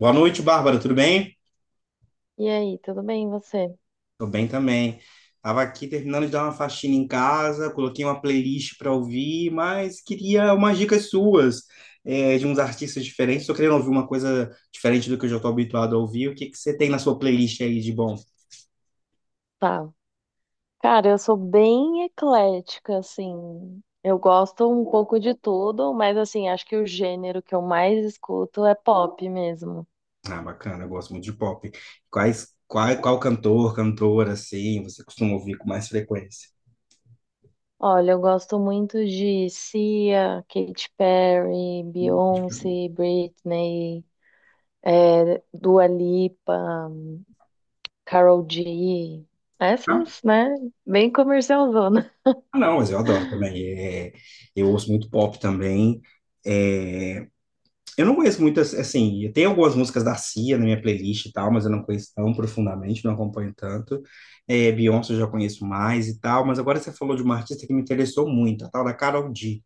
Boa noite, Bárbara, tudo bem? E aí, tudo bem, e você? Tô bem também. Tava aqui terminando de dar uma faxina em casa, coloquei uma playlist para ouvir, mas queria umas dicas suas, de uns artistas diferentes. Tô querendo ouvir uma coisa diferente do que eu já tô habituado a ouvir. O que que você tem na sua playlist aí de bom? Tá. Cara, eu sou bem eclética, assim. Eu gosto um pouco de tudo, mas assim, acho que o gênero que eu mais escuto é pop mesmo. Ah, bacana, eu gosto muito de pop. Qual cantor, cantora, assim, você costuma ouvir com mais frequência? Olha, eu gosto muito de Cia, Katy Perry, Beyoncé, Britney, Dua Lipa, Karol G. Ah, Essas, né? Bem comercialzona. não, mas eu adoro também. Eu ouço muito pop também. É, eu não conheço muitas, assim, tem algumas músicas da Cia na minha playlist e tal, mas eu não conheço tão profundamente, não acompanho tanto. É, Beyoncé eu já conheço mais e tal, mas agora você falou de uma artista que me interessou muito, a tal da Karol G.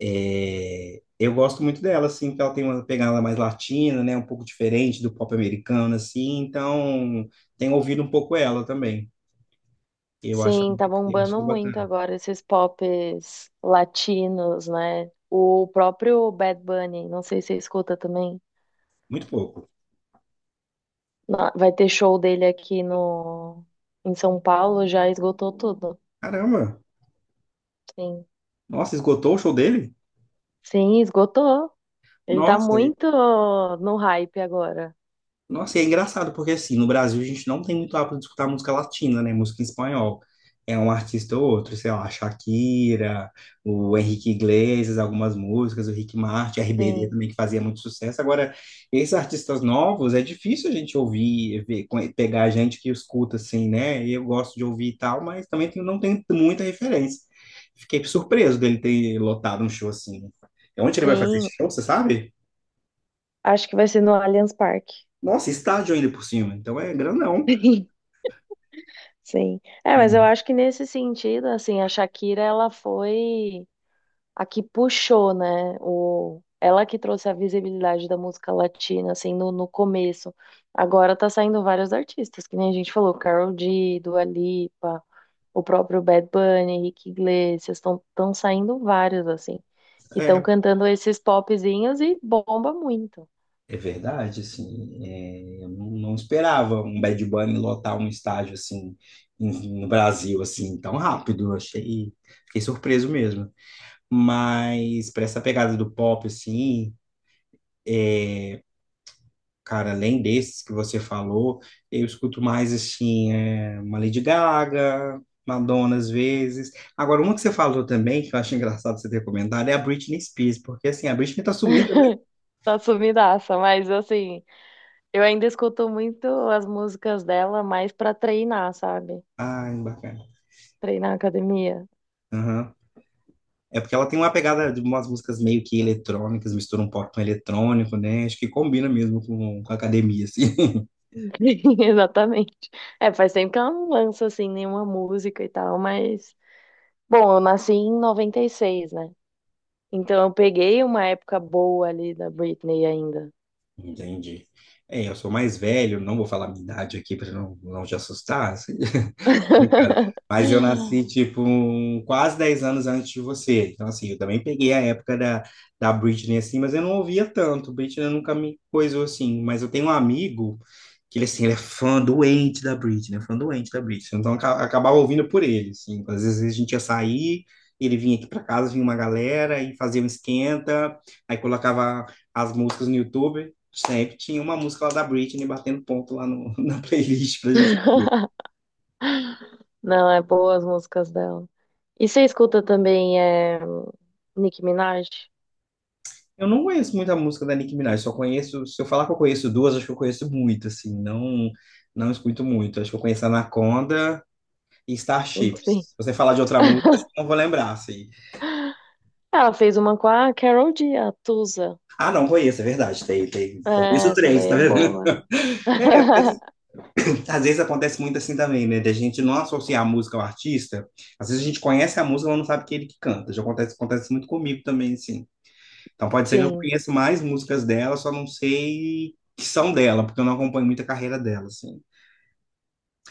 É, eu gosto muito dela, assim, porque ela tem uma pegada mais latina, né, um pouco diferente do pop americano, assim, então tenho ouvido um pouco ela também. Eu acho, Sim, tá eu bombando acho muito bacana. agora esses pops latinos, né? O próprio Bad Bunny, não sei se você escuta também. Muito pouco. Vai ter show dele aqui no em São Paulo, já esgotou tudo. Caramba! Sim. Nossa, esgotou o show dele? Sim, esgotou. Ele tá Nossa, muito no hype agora. Nossa, e é engraçado, porque assim, no Brasil a gente não tem muito hábito de escutar música latina, né? Música em espanhol. É um artista ou outro, sei lá, Shakira, o Henrique Iglesias, algumas músicas, o Rick Martin, RBD Sim. também, que fazia muito sucesso. Agora, esses artistas novos, é difícil a gente ouvir, ver, pegar a gente que escuta assim, né? Eu gosto de ouvir e tal, mas também não tem muita referência. Fiquei surpreso dele ter lotado um show assim. Onde ele vai fazer esse Sim, show, você sabe? acho que vai ser no Allianz Parque. Nossa, estádio ainda por cima, então é grandão. Sim. É, mas eu acho que nesse sentido, assim, a Shakira, ela foi a que puxou, né? O, ela que trouxe a visibilidade da música latina, assim, no começo. Agora tá saindo vários artistas, que nem a gente falou, Karol G, Dua Lipa, o próprio Bad Bunny, Rick Iglesias, estão tão saindo vários, assim, que estão É, cantando esses popzinhos e bomba muito. é verdade, assim, eu não esperava um Bad Bunny lotar um estádio assim no Brasil assim tão rápido. Eu achei, fiquei surpreso mesmo. Mas para essa pegada do pop assim, cara, além desses que você falou, eu escuto mais assim uma Lady Gaga, Madonna às vezes. Agora uma que você falou também que eu acho engraçado você ter comentado é a Britney Spears, porque assim a Britney tá sumida, né? Tá sumidaça, mas assim, eu ainda escuto muito as músicas dela mais pra treinar, sabe? Ai, bacana. Treinar academia. Aham. É porque ela tem uma pegada de umas músicas meio que eletrônicas, mistura um pop com eletrônico, né? Acho que combina mesmo com a academia, assim. Exatamente. É, faz tempo que ela não lança assim nenhuma música e tal, mas bom, eu nasci em noventa e seis, né? Então eu peguei uma época boa ali da Britney ainda. Entendi. É, eu sou mais velho, não vou falar minha idade aqui para não te assustar. Brincadeira. Mas eu nasci, tipo, quase 10 anos antes de você. Então, assim, eu também peguei a época da Britney, assim, mas eu não ouvia tanto. Britney nunca me coisou, assim. Mas eu tenho um amigo que, ele, assim, ele é fã doente da Britney, né? Fã doente da Britney. Então, eu acabava ouvindo por ele, assim. Então, às vezes a gente ia sair, ele vinha aqui para casa, vinha uma galera e fazia um esquenta. Aí colocava as músicas no YouTube. Sempre tinha uma música lá da Britney batendo ponto lá no, na playlist pra gente. Não, é boa as músicas dela. E você escuta também Nicki Minaj? Eu não conheço muita música da Nicki Minaj, só conheço, se eu falar que eu conheço duas, acho que eu conheço muito, assim, não escuto muito. Acho que eu conheço Anaconda e Sim. Starships. Se você falar de outra música, acho que eu não vou lembrar, assim. Ela fez uma com a Carol G, a Tusa. Ah, não, conheço, é verdade, tem, tem. Então, É, conheço essa três, daí tá é vendo? boa. É, porque, assim, às vezes acontece muito assim também, né, da gente não associar a música ao artista. Às vezes a gente conhece a música, mas não sabe que é ele que canta. Já acontece, acontece muito comigo também, assim. Então pode ser que eu Sim, conheça mais músicas dela, só não sei que são dela, porque eu não acompanho muito a carreira dela, assim.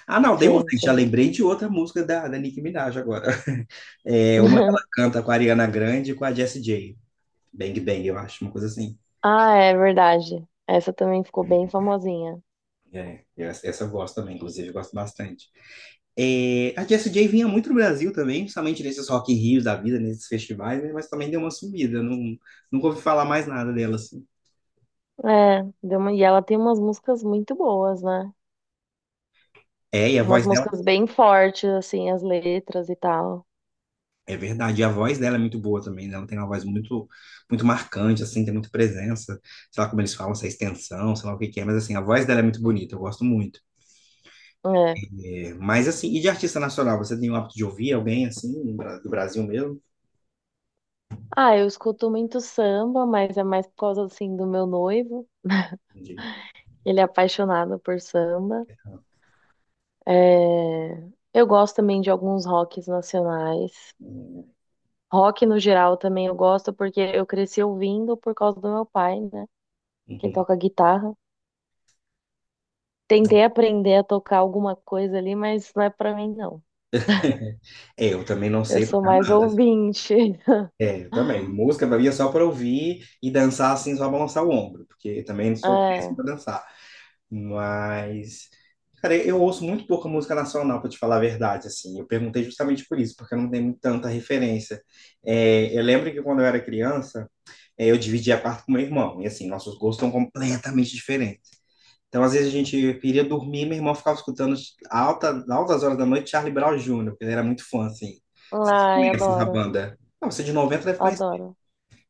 Ah, não, dei sim, outra. Já sim. lembrei de outra música da Nicki Minaj agora. É uma que ela canta com a Ariana Grande e com a Jessie J. Bang Bang, eu acho, uma coisa assim. Ah, é verdade. Essa também ficou bem famosinha. É, essa eu gosto também, inclusive, eu gosto bastante. É, a Jessie J vinha muito no Brasil também, principalmente nesses Rock in Rios da vida, nesses festivais, né? Mas também deu uma sumida, não, nunca ouvi falar mais nada dela, assim. É, deu uma... e ela tem umas músicas muito boas, né? É, e a Umas voz dela músicas bem fortes, assim, as letras e tal. É verdade, e a voz dela é muito boa também, né? Ela tem uma voz muito, muito marcante, assim, tem muita presença. Sei lá como eles falam, se é extensão, sei lá o que que é, mas assim, a voz dela é muito bonita, eu gosto muito. É. É, mas assim, e de artista nacional, você tem o hábito de ouvir alguém assim, no do Brasil mesmo? Ah, eu escuto muito samba, mas é mais por causa, assim, do meu noivo. De- Ele é apaixonado por samba. É... Eu gosto também de alguns rocks nacionais. Rock no geral também eu gosto, porque eu cresci ouvindo por causa do meu pai, né? Que ele Uhum. toca guitarra. Tentei aprender a tocar alguma coisa ali, mas não é pra mim, não. É, eu também não Eu sei sou tocar mais nada. ouvinte. É, eu também. Música pra mim é só pra ouvir e dançar assim, só balançar o ombro, porque também não sou péssimo É. pra dançar. Mas, cara, eu ouço muito pouca música nacional, pra te falar a verdade, assim. Eu perguntei justamente por isso, porque eu não tenho tanta referência. É, eu lembro que quando eu era criança, eu dividia quarto com meu irmão, e assim, nossos gostos são completamente diferentes. Então, às vezes a gente queria dormir, meu irmão ficava escutando altas horas da noite Charlie Brown Jr., porque ele era muito fã, assim. Você Ai, conhece essa adoro. banda? Não, você é de 90, deve. Adoro.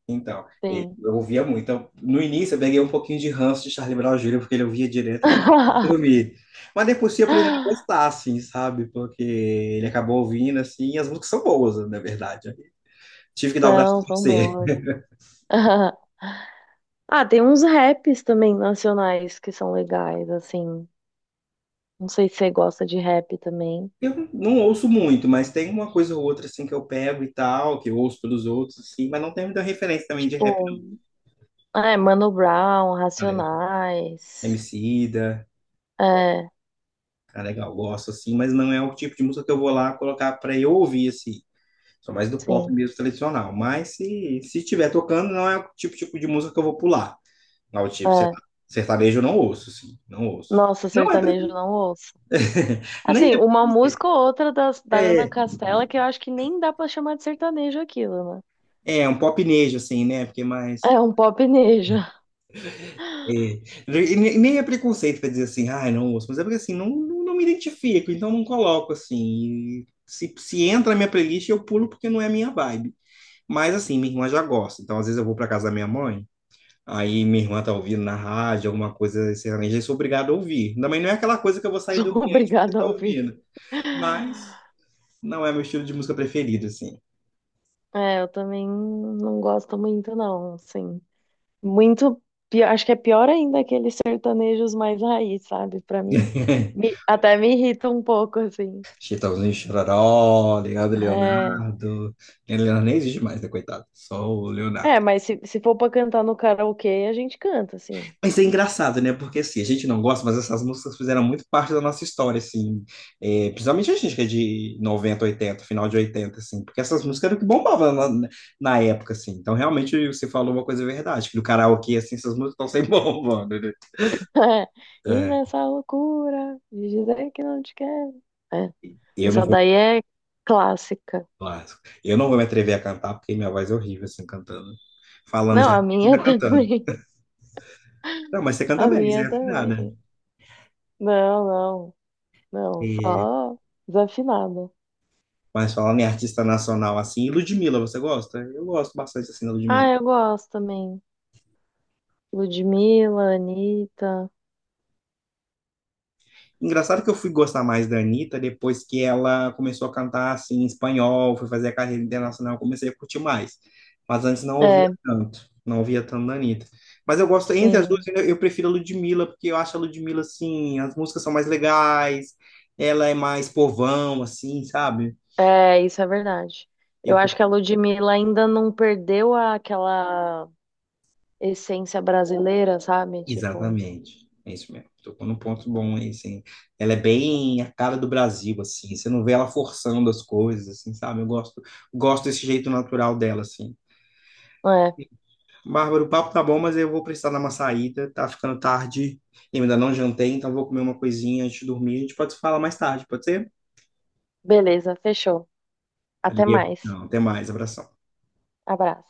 Então, Sim. eu ouvia muito. Então, no início, eu peguei um pouquinho de ranço de Charlie Brown Jr., porque ele ouvia direto no dormir. Mas depois fui aprendendo a gostar, assim, sabe? Porque ele acabou ouvindo, assim, e as músicas são boas, na verdade. Tive que dar o braço a São, são torcer. boas. Ah, tem uns raps também nacionais que são legais, assim. Não sei se você gosta de rap também. Eu não ouço muito, mas tem uma coisa ou outra, assim, que eu pego e tal, que eu ouço pelos outros, assim, mas não tem muita referência também de rap, Tipo, Mano Brown, não, tá ligado? Racionais. Emicida, É, tá legal, gosto, assim, mas não é o tipo de música que eu vou lá colocar pra eu ouvir, assim. Sou mais do pop sim. mesmo tradicional. Mas se estiver tocando, não é o tipo de música que eu vou pular. Não, tipo, É. sertanejo eu não ouço, sim. Não ouço. Nossa, Não é pre... sertanejo não ouço. Nem Assim, é uma preconceito. música ou outra da Ana É, Castela que eu acho que nem dá pra chamar de sertanejo aquilo, né? é um popnejo, assim, né? Porque mais. É um popnejo. É. E nem é preconceito para dizer assim, ai, não ouço. Mas é porque assim, não me identifico, então não coloco assim. E se entra na minha playlist, eu pulo porque não é a minha vibe. Mas assim, minha irmã já gosta. Então, às vezes eu vou para casa da minha mãe. Aí minha irmã tá ouvindo na rádio, alguma coisa sertaneja, eu sou obrigado a ouvir. Também não é aquela coisa que eu vou sair do Sou ambiente porque obrigada a tá ouvir. ouvindo. Mas não é meu estilo de música preferido, assim. É, eu também não gosto muito, não, assim. Muito, acho que é pior ainda aqueles sertanejos mais raiz, sabe? Pra mim. Até me irrita um pouco, assim. Chitãozinho e Chororó, Leonardo É, Leonardo. Leonardo nem existe mais, né, coitado? Só o é, Leonardo. mas se for pra cantar no karaokê, a gente canta, assim. Mas é engraçado, né? Porque assim, a gente não gosta, mas essas músicas fizeram muito parte da nossa história, assim. É, principalmente a gente que é de 90, 80, final de 80 assim. Porque essas músicas eram o que bombava na época, assim. Então, realmente, você falou uma coisa verdade, que no karaokê, assim, essas músicas estão sempre bombando, né? E É, nessa loucura de dizer que não te quero. É. eu não Essa vou, daí é clássica. eu não vou me atrever a cantar, porque minha voz é horrível, assim, cantando. Falando Não, já, a minha Regina cantando. também. Não, mas você canta A bem, você minha é afinada. também. Não, não. Não, É, só desafinada. mas falando em artista nacional, assim, e Ludmilla, você gosta? Eu gosto bastante, assim, da Ah, Ludmilla. eu gosto também. Ludmilla, Anitta. Engraçado que eu fui gostar mais da Anitta depois que ela começou a cantar assim em espanhol, foi fazer a carreira internacional, eu comecei a curtir mais. Mas antes não ouvia É, tanto, não ouvia tanto da Anitta. Mas eu gosto, entre as duas, sim. eu prefiro a Ludmilla, porque eu acho a Ludmilla assim, as músicas são mais legais, ela é mais povão, assim, sabe? É, isso é verdade. Eu Eu acho que a curto- Ludmilla ainda não perdeu aquela essência brasileira, sabe? Tipo, Exatamente, é isso mesmo. Tocou num ponto bom aí, assim. Ela é bem a cara do Brasil, assim, você não vê ela forçando as coisas, assim, sabe? Eu gosto desse jeito natural dela, assim. é, Bárbara, o papo tá bom, mas eu vou precisar dar uma saída. Tá ficando tarde, eu ainda não jantei, então vou comer uma coisinha antes de dormir. A gente pode se falar mais tarde, pode ser? beleza, fechou. Até Valeu. mais. Não, até mais, abração. Abraço.